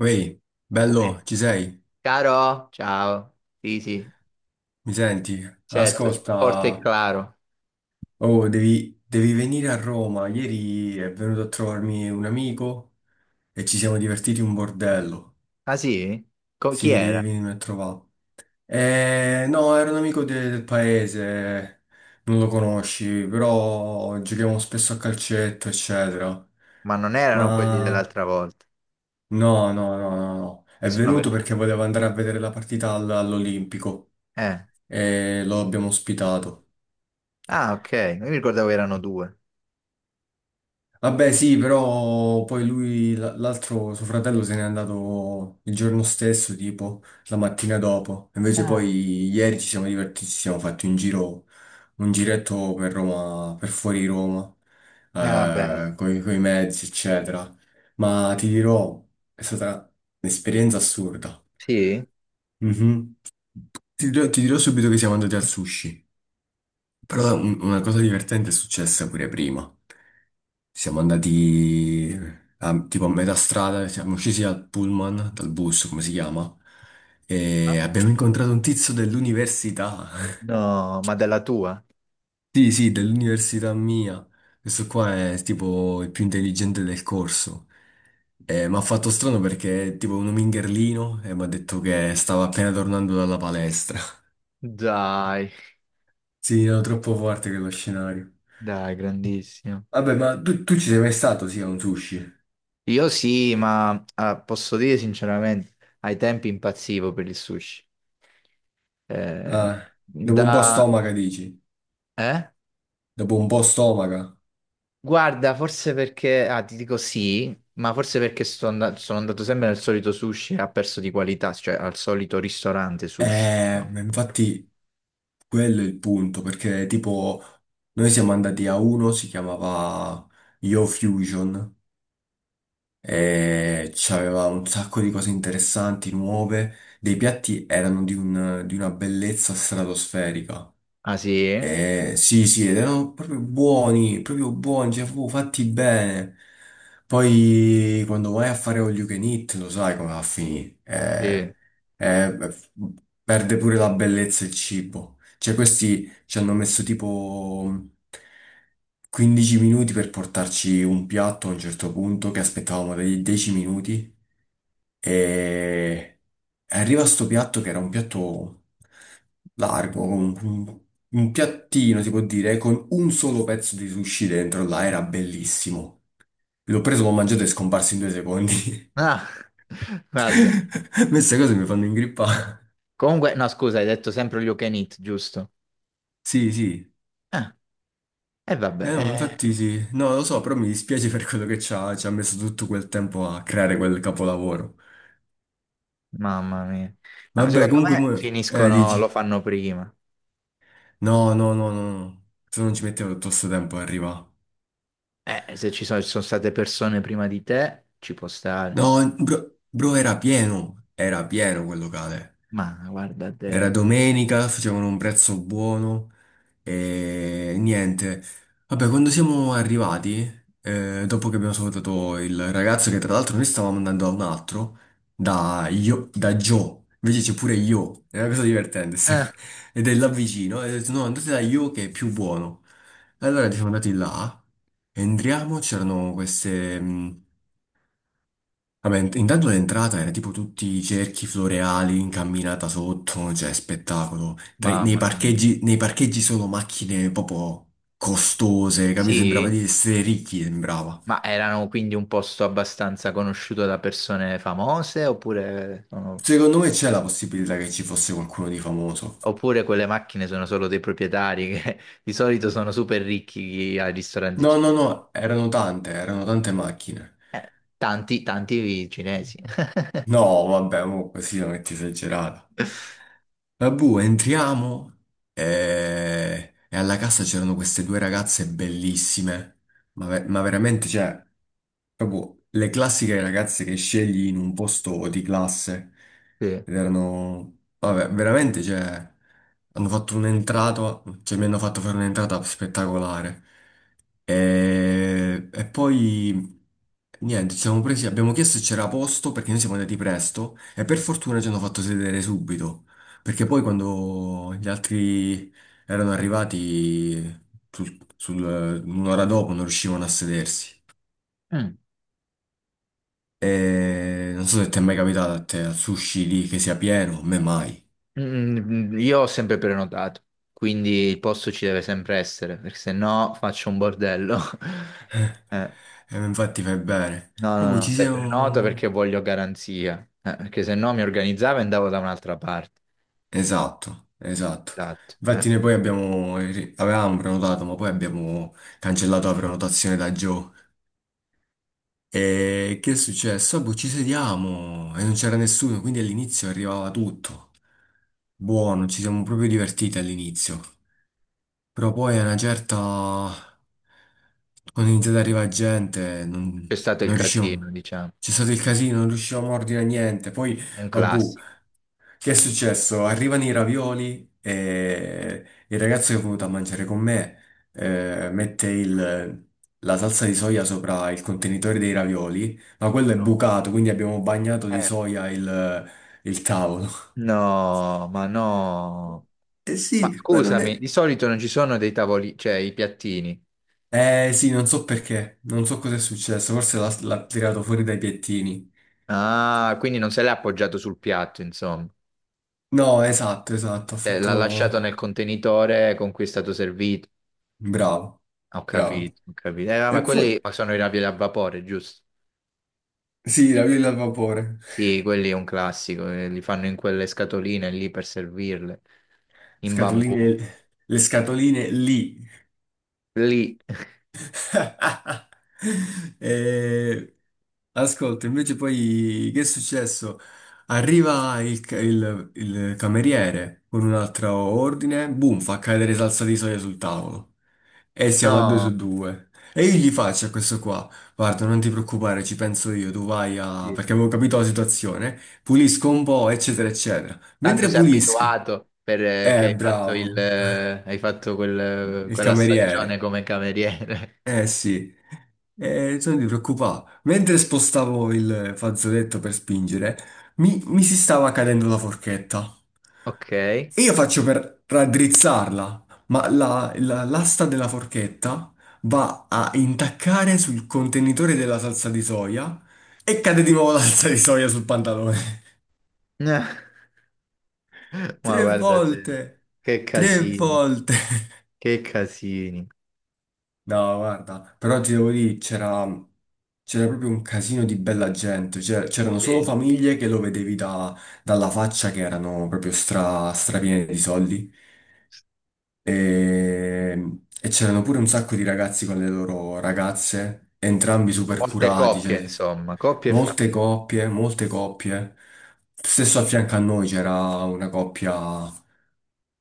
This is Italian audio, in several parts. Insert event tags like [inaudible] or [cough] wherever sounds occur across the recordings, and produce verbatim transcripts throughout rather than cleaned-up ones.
Ehi, Uè. bello, ci sei? Caro, ciao. Sì, sì, Mi senti? certo, forte e Ascolta, claro. oh, devi, devi venire a Roma. Ieri è venuto a trovarmi un amico e ci siamo divertiti un bordello. Ah sì? Co- chi Sì, devi era? venirmi a trovare. Eh, no, era un amico de- del paese, non lo conosci, però giochiamo spesso a calcetto, eccetera. Ma non erano quelli Ma dell'altra volta, no, no, no, no, no. che È sono venuto venuti. perché voleva andare a vedere la partita all- all'Olimpico Eh. e lo abbiamo ospitato. Ah, ok, io mi ricordavo erano due. Vabbè, sì, però poi lui, l- l'altro suo fratello se n'è andato il giorno stesso, tipo la mattina dopo. Invece Ah. poi ieri ci siamo divertiti, ci siamo fatti un giro, un giretto per Roma, per fuori Roma, Ah, bello. eh, coi, coi mezzi, eccetera. Ma ti dirò, è stata un'esperienza assurda. Sì? Mhm. Ti dirò, ti dirò subito che siamo andati al sushi, però un- una cosa divertente è successa pure prima. Siamo andati a- tipo a metà strada, siamo scesi dal pullman, dal bus, come si chiama, Ah. e abbiamo incontrato un tizio dell'università. [laughs] No, ma della tua? Sì, sì, dell'università mia. Questo qua è tipo il più intelligente del corso. E mi ha fatto strano perché è tipo un mingherlino e mi ha detto che stava appena tornando dalla palestra. [laughs] Dai, Sì, era troppo forte quello scenario. dai, grandissimo. Vabbè, ma tu, tu ci sei mai stato, sì, a un sushi? Io sì, ma ah, posso dire sinceramente, ai tempi impazzivo per il sushi. Eh, Ah, dopo un po' da... stomaca, dici? Eh? Dopo un po' stomaca. Guarda, forse perché, ah, ti dico sì, ma forse perché sto and- sono andato sempre nel solito sushi e ha perso di qualità, cioè al solito ristorante sushi. Eh, so. ma infatti quello è il punto, perché tipo noi siamo andati a uno, si chiamava Yo Fusion, e c'aveva un sacco di cose interessanti, nuove, dei piatti erano di un- di una bellezza stratosferica. Ah sì? Eh, sì, sì, ed erano proprio buoni, proprio buoni, cioè proprio fatti bene. Poi quando vai a fare all you can eat, lo sai come va a finire. Sì. Eh, eh, perde pure la bellezza il cibo. Cioè questi ci hanno messo tipo quindici minuti per portarci un piatto a un certo punto, che aspettavamo dei dieci minuti. E arriva sto piatto che era un piatto largo, un, un- un piattino si può dire, con un solo pezzo di sushi dentro là, era bellissimo. L'ho preso, l'ho mangiato e è scomparso in due secondi. Ah, [laughs] guarda. [laughs] Queste cose mi fanno ingrippare. Comunque, no, scusa, hai detto sempre all you can eat, giusto? Sì, sì. Ah, e vabbè, Eh no, ma eh, infatti sì. No, lo so, però mi dispiace per quello che ci ha, ci ha messo tutto quel tempo a creare quel capolavoro. mamma mia. No, Vabbè, secondo comunque, me mo- eh, finiscono, lo dici. fanno prima. No, no, no, no, no. Se non ci mettevo tutto questo tempo ad arrivare. Eh, se ci sono, ci sono state persone prima di te, ci può No, stare. bro, bro, era pieno, era pieno quel locale. Ma guarda Era te. domenica, facevano un prezzo buono e niente. Vabbè, quando siamo arrivati, eh, dopo che abbiamo salutato il ragazzo, che tra l'altro noi stavamo andando da un altro, da, io, da Joe, invece c'è pure Io, è una cosa divertente, sta Eh, co- [laughs] ed è là vicino, e ho detto no, andate da Io che è più buono. Allora siamo andati là, entriamo, c'erano queste... Vabbè, int- intanto l'entrata era tipo tutti i cerchi floreali, incamminata sotto, cioè spettacolo. Tra- nei mamma mia. parcheggi, nei parcheggi solo macchine proprio costose, capito? Sembrava Sì? di essere ricchi, sembrava. Ma erano quindi un posto abbastanza conosciuto da persone famose oppure, sono- Secondo me c'è la possibilità che ci fosse qualcuno di famoso. oppure quelle macchine sono solo dei proprietari che [laughs] di solito sono super ricchi ai ristoranti No, no, cinesi? no, erano tante, erano tante macchine. Eh, tanti, tanti cinesi. [laughs] No, vabbè, mo così la metti esagerata. Vabbù, entriamo e... e alla cassa c'erano queste due ragazze bellissime, ma, ve- ma veramente, cioè, proprio le classiche ragazze che scegli in un posto di classe. Sì. Ed erano, vabbè, veramente, cioè, hanno fatto un'entrata, cioè mi hanno fatto fare un'entrata spettacolare. E, e poi niente, ci siamo presi, abbiamo chiesto se c'era posto perché noi siamo andati presto e per fortuna ci hanno fatto sedere subito, perché poi quando gli altri erano arrivati sul- sul- un'ora dopo non riuscivano a sedersi. Mm. E non so se ti è mai capitato a te al sushi lì che sia pieno, a me mai. Mm, mm, io ho sempre prenotato, quindi il posto ci deve sempre essere, perché se no faccio un bordello. [laughs] Eh, [laughs] E infatti fai bene. no, Ma no, poi no, ci se prenoto perché siamo. voglio garanzia, eh, perché se no mi organizzavo e andavo da un'altra parte. Esatto, esatto. Esatto. Eh. Infatti noi poi abbiamo, avevamo prenotato, ma poi abbiamo cancellato la prenotazione da Joe. E che è successo? Ah, boh, ci sediamo e non c'era nessuno, quindi all'inizio arrivava tutto. Buono, ci siamo proprio divertiti all'inizio. Però poi a una certa... Quando è iniziata ad arrivare gente, C'è non, stato il non riuscivamo. casino, diciamo, C'è stato il casino, non riuscivamo a ordinare niente. Poi, un vabbè, classico. che è successo? Arrivano i ravioli e il ragazzo che è venuto a mangiare con me eh, mette il- la salsa di soia sopra il contenitore dei ravioli, ma quello è No. bucato, quindi abbiamo bagnato di Eh, soia il, il tavolo. no, ma no. Eh Ma sì, ma non scusami, è... di solito non ci sono dei tavoli, cioè i piattini. Eh sì, non so perché, non so cosa è successo, forse l'ha l'ha tirato fuori dai piattini. Ah, quindi non se l'è appoggiato sul piatto, insomma. No, esatto, esatto, ha Se l'ha fatto... lasciato nel contenitore con cui è stato servito. Bravo, Ho bravo. capito, ho capito. Eh, no, E ma poi... quelli sono i ravioli a vapore, giusto? Sì, i ravioli al vapore. Sì, quelli è un classico, eh, li fanno in quelle scatoline lì per servirle, in bambù. Scatoline, le scatoline lì. Lì. [laughs] [laughs] Eh, ascolta, invece poi che è successo? Arriva il, ca- il- il cameriere con un altro ordine, boom, fa cadere salsa di soia sul tavolo e siamo a due No. su due. E io gli faccio a questo qua, guarda, non ti preoccupare, ci penso io, tu vai a... Sì. perché avevo capito la situazione, pulisco un po', eccetera, eccetera. Tanto Mentre sei pulisco, abituato perché eh, hai fatto il, bravo, eh, hai fatto [laughs] quel- il quella stagione cameriere. come cameriere. [laughs] Eh sì, eh, sono di preoccupato. Mentre spostavo il fazzoletto per spingere, mi, mi si stava cadendo la forchetta. Ok. E io faccio per raddrizzarla, ma la- la- l'asta della forchetta va a intaccare sul contenitore della salsa di soia e cade di nuovo la salsa di soia sul pantalone. [laughs] [laughs] Ma Tre guarda te, volte! che Tre casini, volte! che casini. No, guarda, però ti devo dire, c'era c'era proprio un casino di bella gente, cioè, c'erano solo Sì. famiglie che lo vedevi da- dalla faccia che erano proprio stra, strapiene di soldi e, e c'erano pure un sacco di ragazzi con le loro ragazze, entrambi super Molte curati, coppie, cioè, insomma, coppie e molte famiglie. coppie, molte coppie. Stesso a fianco a noi c'era una coppia.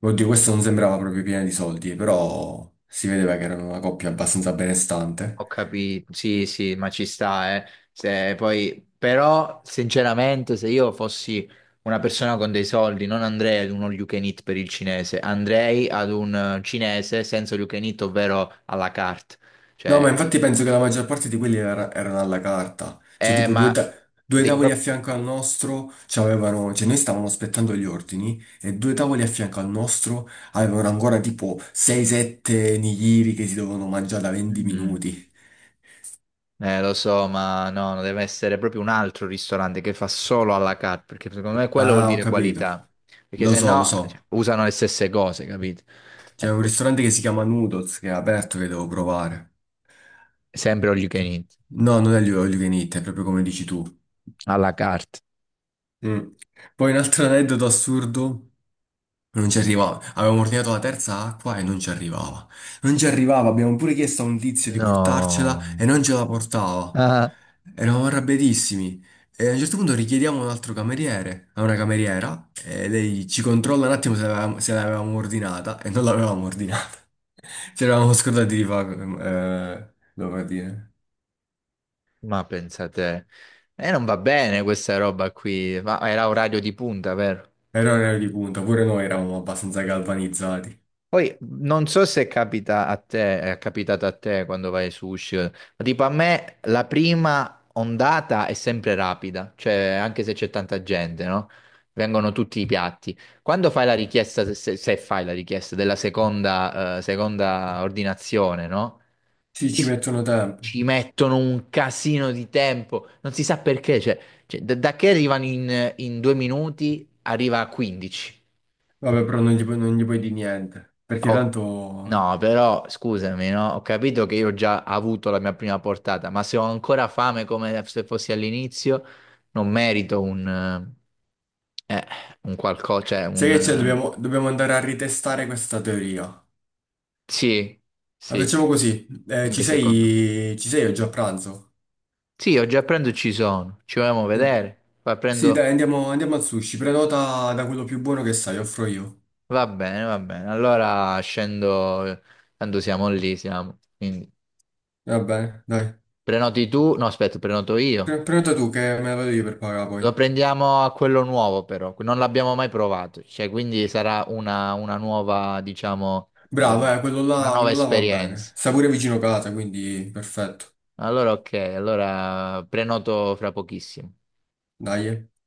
Oddio, questa non sembrava proprio piena di soldi, però si vedeva che erano una coppia abbastanza benestante. Ho capito, sì, sì, ma ci sta, eh. Se poi, però, sinceramente, se io fossi una persona con dei soldi, non andrei ad un all you can eat per il cinese, andrei ad un eh, cinese senza all you can eat, ovvero alla carte. No, Cioè, ma infatti penso che la maggior parte di quelli era- erano alla carta. Cioè, eh, tipo due, ma ta- due devi tavoli a proprio... fianco al nostro c'avevano. Cioè, noi stavamo aspettando gli ordini e due tavoli a fianco al nostro avevano ancora tipo sei sette nigiri che si dovevano mangiare da venti Mm. minuti. Eh, lo so, ma no, no, deve essere proprio un altro ristorante che fa solo alla carte, perché secondo me quello vuol Ah, ho dire capito. qualità, perché Lo se so, lo no, so. cioè, usano le stesse cose, capito? C'è Eh, un ristorante che si chiama Noodles, che è aperto, che devo provare. sempre all you can eat. No, non è l'olio all you can eat, è proprio come dici tu. Alla carta. Mm. Poi un altro aneddoto assurdo. Non ci arrivava. Avevamo ordinato la terza acqua e non ci arrivava. Non ci arrivava. Abbiamo pure chiesto a un tizio di portarcela No, e non ce la portava. ah, Eravamo arrabbiatissimi. E a un certo punto richiediamo un altro cameriere, a una cameriera, e lei ci controlla un attimo se l'avevamo se l'avevamo ordinata e non l'avevamo ordinata. [laughs] Ci eravamo scordati di fare, come dire, ma pensate, e non va bene questa roba qui, ma era orario di punta, vero? errore di punta. Pure noi eravamo abbastanza galvanizzati. Poi non so se capita a te, è capitato a te quando vai su sushi, ma tipo a me la prima ondata è sempre rapida, cioè anche se c'è tanta gente, no? Vengono tutti i piatti. Quando fai la richiesta, se, se fai la richiesta della seconda, eh, seconda ordinazione, no? Sì, ci Ti- mettono tempo. Ci mettono un casino di tempo, non si sa perché, cioè, cioè, da, da che arrivano in, in due minuti arriva a quindici. Vabbè, però non gli, pu- non gli puoi dire niente, perché Oh, tanto no, però scusami, no? Ho capito che io ho già avuto la mia prima portata, ma se ho ancora fame come se fossi all'inizio, non merito un, eh, un qualcosa, cioè sai un... che c'è? Eh, Dobbiamo, dobbiamo andare a ritestare questa teoria. sì, La sì, facciamo così. Eh, ci anche secondo me. sei, ci sei oggi a pranzo? Sì, oggi a pranzo ci sono, ci vogliamo Eh, vedere. Poi sì, prendo... dai, andiamo, andiamo al sushi. Prenota da quello più buono che sai, offro io. Va bene, va bene. Allora scendo, tanto siamo lì, siamo. Quindi Va bene, dai. prenoti tu, no, aspetta, prenoto io. Pre- prenota tu che me la vado io per pagare Lo poi. prendiamo a quello nuovo però, non l'abbiamo mai provato, cioè quindi sarà una, una nuova, diciamo, eh, Bravo, eh, quello una là, nuova quello là va bene. esperienza. Sta pure vicino casa, quindi perfetto. Allora ok, allora prenoto fra pochissimo. Dai. Eh.